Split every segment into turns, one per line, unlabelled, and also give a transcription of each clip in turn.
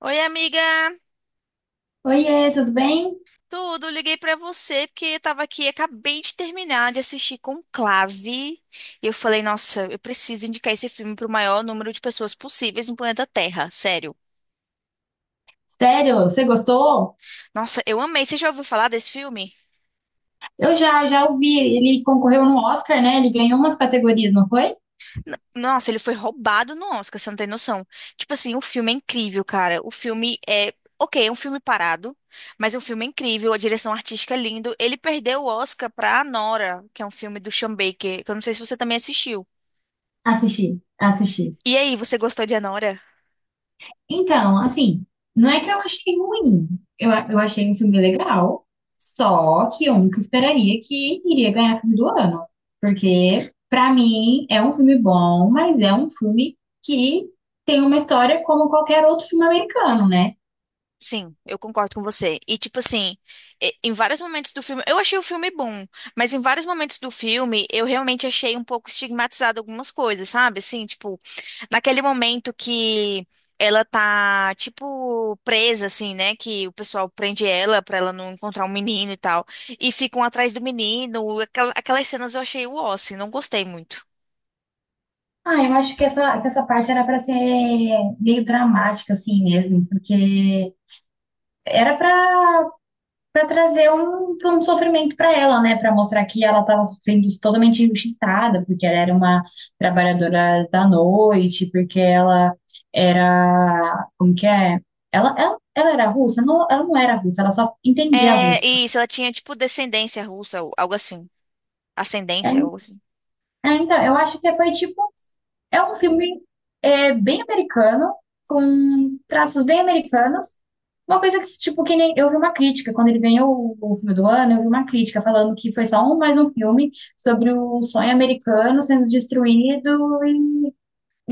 Oi, amiga.
Oiê, tudo bem?
Tudo, liguei pra você porque eu tava aqui, acabei de terminar de assistir Conclave e eu falei, nossa, eu preciso indicar esse filme pro maior número de pessoas possíveis no planeta Terra, sério.
Sério, você gostou?
Nossa, eu amei. Você já ouviu falar desse filme?
Eu já ouvi, ele concorreu no Oscar, né? Ele ganhou umas categorias, não foi?
Nossa, ele foi roubado no Oscar, você não tem noção. Tipo assim, o filme é incrível, cara. O filme é, ok, é um filme parado, mas é um filme incrível, a direção artística é lindo. Ele perdeu o Oscar pra Nora, que é um filme do Sean Baker, que eu não sei se você também assistiu.
Assisti, assisti.
E aí, você gostou de Anora?
Então, assim, não é que eu achei ruim. Eu achei um filme legal, só que eu nunca esperaria que iria ganhar filme do ano. Porque, pra mim, é um filme bom, mas é um filme que tem uma história como qualquer outro filme americano, né?
Sim, eu concordo com você. E tipo assim, em vários momentos do filme, eu achei o filme bom, mas em vários momentos do filme, eu realmente achei um pouco estigmatizado algumas coisas, sabe? Assim, tipo, naquele momento que ela tá tipo presa assim, né, que o pessoal prende ela pra ela não encontrar um menino e tal, e ficam atrás do menino, aquelas cenas eu achei o assim, não gostei muito.
Ah, eu acho que que essa parte era para ser meio dramática, assim mesmo, porque era para trazer um sofrimento para ela, né? Para mostrar que ela estava sendo totalmente injustiçada, porque ela era uma trabalhadora da noite, porque ela era. Como que é? Ela era russa? Não, ela não era russa, ela só entendia
É,
russo.
e isso, ela tinha tipo descendência russa, ou algo assim,
É,
ascendência, algo assim.
então, eu acho que foi tipo é um filme é, bem americano, com traços bem americanos. Uma coisa que, tipo, que nem eu vi uma crítica, quando ele ganhou o filme do ano, eu vi uma crítica falando que foi só um, mais um filme sobre o sonho americano sendo destruído,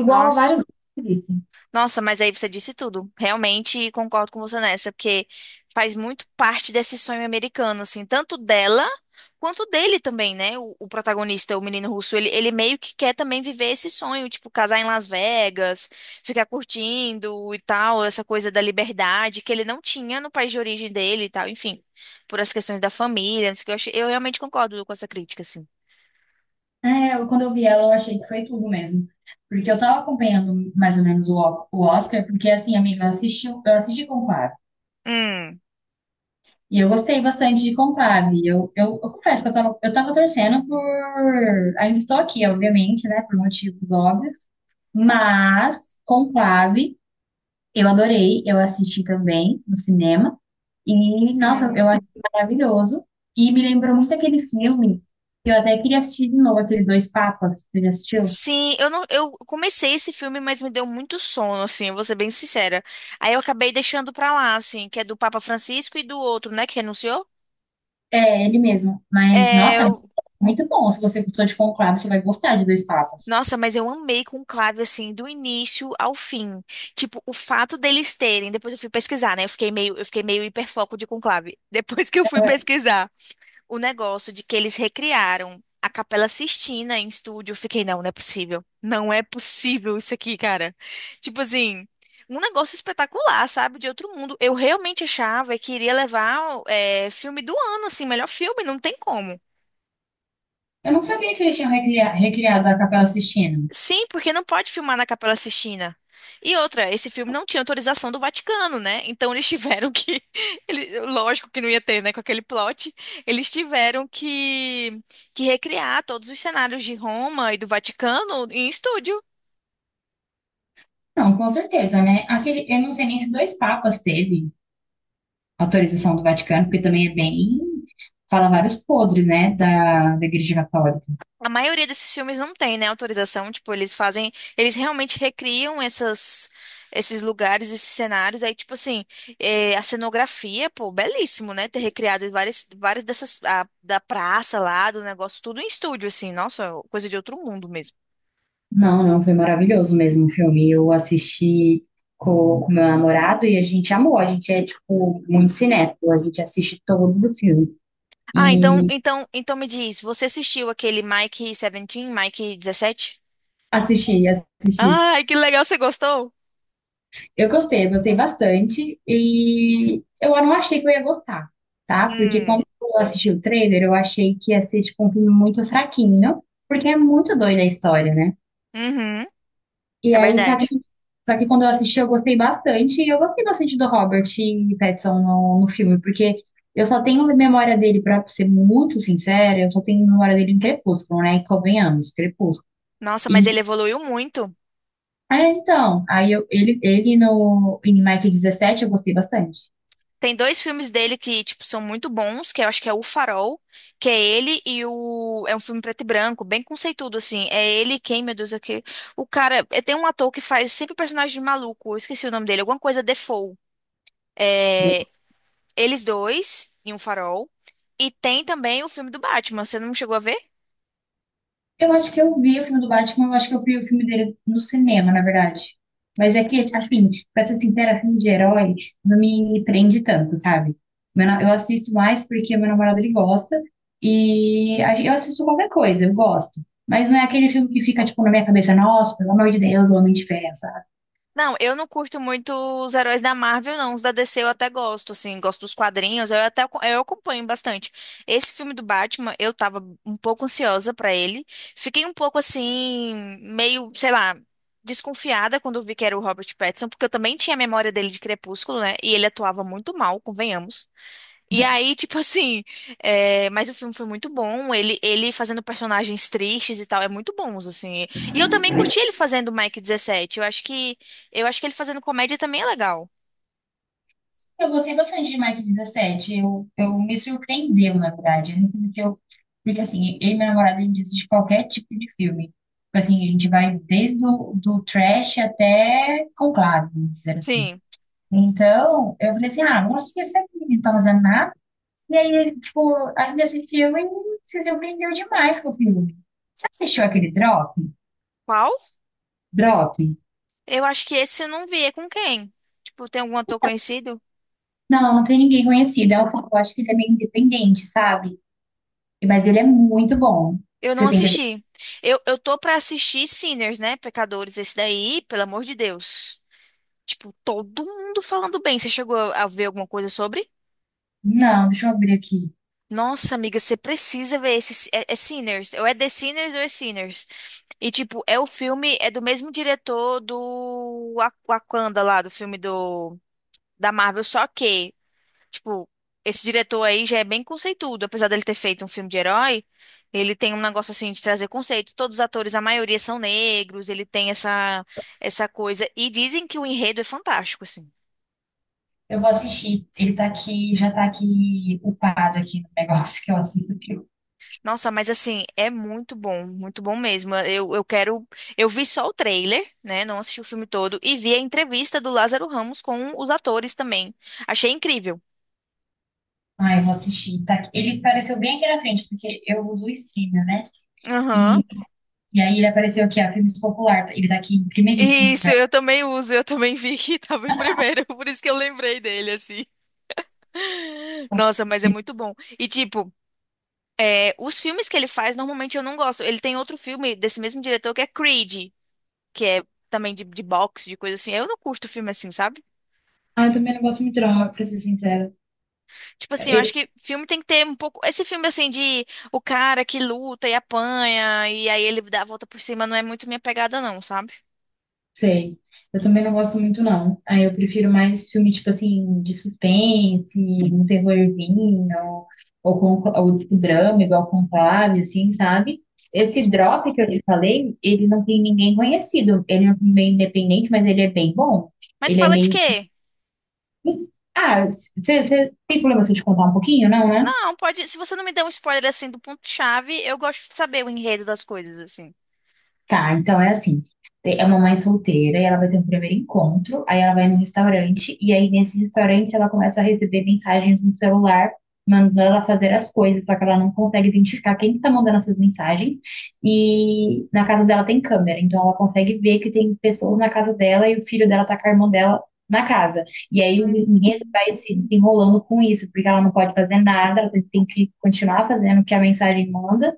igual a
Nossa.
vários outros.
Nossa, mas aí você disse tudo. Realmente concordo com você nessa, porque faz muito parte desse sonho americano, assim, tanto dela quanto dele também, né? O protagonista, o menino russo, ele meio que quer também viver esse sonho, tipo, casar em Las Vegas, ficar curtindo e tal, essa coisa da liberdade que ele não tinha no país de origem dele e tal, enfim, por as questões da família, não sei o que, eu, achei- eu realmente concordo com essa crítica, assim.
Quando eu vi ela, eu achei que foi tudo mesmo. Porque eu tava acompanhando mais ou menos o Oscar, porque assim, amiga, eu assisti com o.
Hum.
E eu gostei bastante de Conclave. Eu confesso que eu tava torcendo por. Ainda estou aqui, obviamente, né? Por motivos óbvios. Mas Conclave, eu adorei. Eu assisti também no cinema. E, nossa, eu achei
Hum.
maravilhoso. E me lembrou muito aquele filme que eu até queria assistir de novo, aquele Dois Papas. Você já assistiu?
Sim, eu não, eu comecei esse filme, mas me deu muito sono, assim, eu vou ser bem sincera. Aí eu acabei deixando pra lá, assim, que é do Papa Francisco e do outro, né, que renunciou.
É, ele mesmo. Mas,
É,
nossa, é muito bom. Se você gostou de Conclave, você vai gostar de Dois Papas.
nossa, mas eu amei com Conclave, assim, do início ao fim. Tipo, o fato deles terem, depois eu fui pesquisar, né? Eu fiquei meio hiperfoco de Conclave. Depois que eu fui pesquisar o negócio de que eles recriaram a Capela Sistina em estúdio. Eu fiquei, não, não é possível. Não é possível isso aqui, cara. Tipo assim, um negócio espetacular, sabe? De outro mundo. Eu realmente achava que iria levar é, filme do ano, assim, melhor filme, não tem como.
Eu não sabia que eles tinham recriado a Capela Sistina.
Sim, porque não pode filmar na Capela Sistina. E outra, esse filme não tinha autorização do Vaticano, né? Então eles tiveram que. Lógico que não ia ter, né? Com aquele plot. Eles tiveram que, recriar todos os cenários de Roma e do Vaticano em estúdio.
Não, com certeza, né? Aquele, eu não sei nem se Dois Papas teve autorização do Vaticano, porque também é bem, fala vários podres, né, da Igreja Católica.
A maioria desses filmes não tem, né, autorização, tipo, eles fazem, eles realmente recriam essas, esses lugares, esses cenários, aí, tipo assim, a cenografia, pô, belíssimo, né, ter recriado várias, várias dessas, da praça lá, do negócio, tudo em estúdio, assim, nossa, coisa de outro mundo mesmo.
Não, não, foi maravilhoso mesmo o filme. Eu assisti com o meu namorado e a gente amou. A gente é, tipo, muito cinéfilo. A gente assiste todos os filmes.
Ah, então,
E
então, então me diz, você assistiu aquele Mike 17, Mike 17.
assisti, assisti.
Ai, que legal, você gostou?
Eu gostei bastante. E eu não achei que eu ia gostar, tá? Porque
Hum.
quando eu assisti o trailer, eu achei que ia ser, tipo, um filme muito fraquinho, porque é muito doida a história, né?
Uhum,
E
é
aí, só que,
verdade.
só que quando eu assisti, eu gostei bastante. E eu gostei bastante do Robert Pattinson no filme, porque eu só tenho memória dele, pra ser muito sincera, eu só tenho memória dele em Crepúsculo, né? E convenhamos, Crepúsculo.
Nossa, mas
E-
ele evoluiu muito.
ele no, em Mike 17 eu gostei bastante.
Tem dois filmes dele que, tipo, são muito bons, que eu acho que é O Farol, que é ele e o... É um filme preto e branco, bem conceituado, assim. É ele quem, meu Deus, é o cara... é, tem um ator que faz sempre personagem maluco, eu esqueci o nome dele, alguma coisa Defoe. É... Eles dois em Um Farol. E tem também o filme do Batman, você não chegou a ver?
Eu acho que eu vi o filme do Batman, eu acho que eu vi o filme dele no cinema, na verdade. Mas é que, assim, pra ser sincera, filme de herói não me prende tanto, sabe? Eu assisto mais porque meu namorado ele gosta e eu assisto qualquer coisa, eu gosto. Mas não é aquele filme que fica, tipo, na minha cabeça, nossa, pelo amor de Deus, o Homem de Ferro, sabe?
Não, eu não curto muito os heróis da Marvel, não. Os da DC eu até gosto, assim, gosto dos quadrinhos, eu até aco- eu acompanho bastante. Esse filme do Batman, eu tava um pouco ansiosa pra ele. Fiquei um pouco assim, meio, sei lá, desconfiada quando vi que era o Robert Pattinson, porque eu também tinha a memória dele de Crepúsculo, né? E ele atuava muito mal, convenhamos. E aí, tipo assim, é, mas o filme foi muito bom. Ele fazendo personagens tristes e tal, é muito bons assim. E eu também curti ele fazendo o Mike 17. Eu acho que, ele fazendo comédia também é legal.
Eu gostei bastante de Mike 17. Eu me surpreendeu, na verdade. Eu não que eu. Porque assim, eu e meu namorado, a gente assiste qualquer tipo de filme. Tipo assim, a gente vai desde o do trash até Conclave, vamos dizer assim.
Sim.
Então, eu falei assim, ah, vamos assistir esse aqui, não tá fazendo nada. E aí, tipo, a gente assistiu e se surpreendeu demais com o filme. Você assistiu aquele Drop?
Qual?
Drop?
Eu acho que esse eu não vi. É com quem? Tipo, tem algum ator conhecido?
Não, não tem ninguém conhecido. É um, eu acho que ele é meio independente, sabe? Mas ele é muito bom.
Eu não
Você tem que.
assisti. Eu tô pra assistir Sinners, né? Pecadores, esse daí, pelo amor de Deus. Tipo, todo mundo falando bem. Você chegou a ver alguma coisa sobre?
Não, deixa eu abrir aqui.
Nossa, amiga, você precisa ver esse. É, é Sinners. Ou é The Sinners ou é Sinners. E, tipo, é o filme. É do mesmo diretor do Wakanda lá, do filme do, da Marvel. Só que, tipo, esse diretor aí já é bem conceituado. Apesar dele ter feito um filme de herói, ele tem um negócio assim de trazer conceito. Todos os atores, a maioria são negros. Ele tem essa coisa. E dizem que o enredo é fantástico, assim.
Eu vou assistir. Ele tá aqui, já tá aqui upado aqui no negócio que eu assisto o filme.
Nossa, mas assim, é muito bom mesmo. Eu quero. Eu vi só o trailer, né? Não assisti o filme todo. E vi a entrevista do Lázaro Ramos com os atores também. Achei incrível.
Ah, eu vou assistir. Tá aqui. Ele apareceu bem aqui na frente, porque eu uso o streamer, né? E,
Aham.
e aí ele apareceu aqui, ó, filmes popular. Ele tá aqui em primeiríssimo
Isso,
lugar.
eu também uso. Eu também vi que tava em primeiro. Por isso que eu lembrei dele, assim. Nossa, mas é muito bom. E tipo, é, os filmes que ele faz, normalmente eu não gosto. Ele tem outro filme desse mesmo diretor que é Creed, que é também de boxe, de coisa assim. Eu não curto filme assim, sabe?
Ah, eu também não gosto muito, não, pra ser sincera.
Tipo assim, eu acho que filme tem que ter um pouco. Esse filme, assim, de o cara que luta e apanha, e aí ele dá a volta por cima, não é muito minha pegada, não, sabe?
Sei. Eu também não gosto muito, não. Aí eu prefiro mais filme, tipo assim, de suspense, um terrorzinho, ou tipo drama, igual Conclave, assim, sabe? Esse
Sim.
Drop que eu te falei, ele não tem ninguém conhecido. Ele é meio independente, mas ele é bem bom.
Mas
Ele é
fala de
meio.
quê?
Ah, você tem problema se eu te contar um pouquinho, não, né?
Não, pode. Se você não me der um spoiler, assim, do ponto-chave, eu gosto de saber o enredo das coisas, assim.
Tá, então é assim. É uma mãe solteira e ela vai ter um primeiro encontro, aí ela vai num restaurante e aí nesse restaurante ela começa a receber mensagens no celular mandando ela fazer as coisas, só que ela não consegue identificar quem está mandando essas mensagens. E na casa dela tem câmera, então ela consegue ver que tem pessoas na casa dela e o filho dela tá com a irmã dela na casa. E aí o enredo
Hum.
vai se desenrolando com isso, porque ela não pode fazer nada, ela tem que continuar fazendo o que a mensagem manda.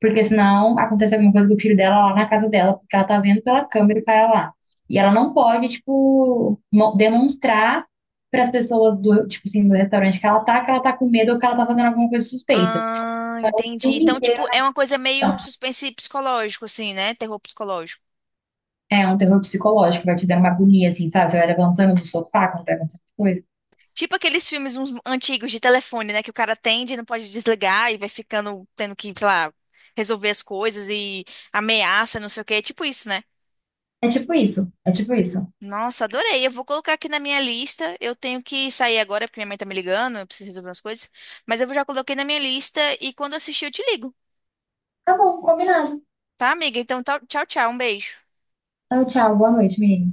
Porque senão acontece alguma coisa com o filho dela lá na casa dela, porque ela tá vendo pela câmera o cara lá. E ela não pode, tipo, demonstrar para as pessoas do, tipo assim, do restaurante que ela tá com medo ou que ela tá fazendo alguma coisa suspeita.
Ah,
O
entendi.
filme
Então, tipo,
inteiro né?
é uma coisa meio suspense psicológico, assim, né? Terror psicológico.
É um terror psicológico, vai te dando uma agonia, assim, sabe? Você vai levantando do sofá quando vai acontecendo coisa.
Tipo aqueles filmes uns antigos de telefone, né? Que o cara atende e não pode desligar e vai ficando tendo que, sei lá, resolver as coisas e ameaça, não sei o quê. É tipo isso, né?
É tipo isso, é tipo isso.
Nossa, adorei. Eu vou colocar aqui na minha lista. Eu tenho que sair agora porque minha mãe tá me ligando, eu preciso resolver umas coisas. Mas eu já coloquei na minha lista e quando eu assistir eu te ligo,
Tá bom, combinado.
tá, amiga? Então, tchau, tchau. Um beijo.
Então, tchau, boa noite, menina.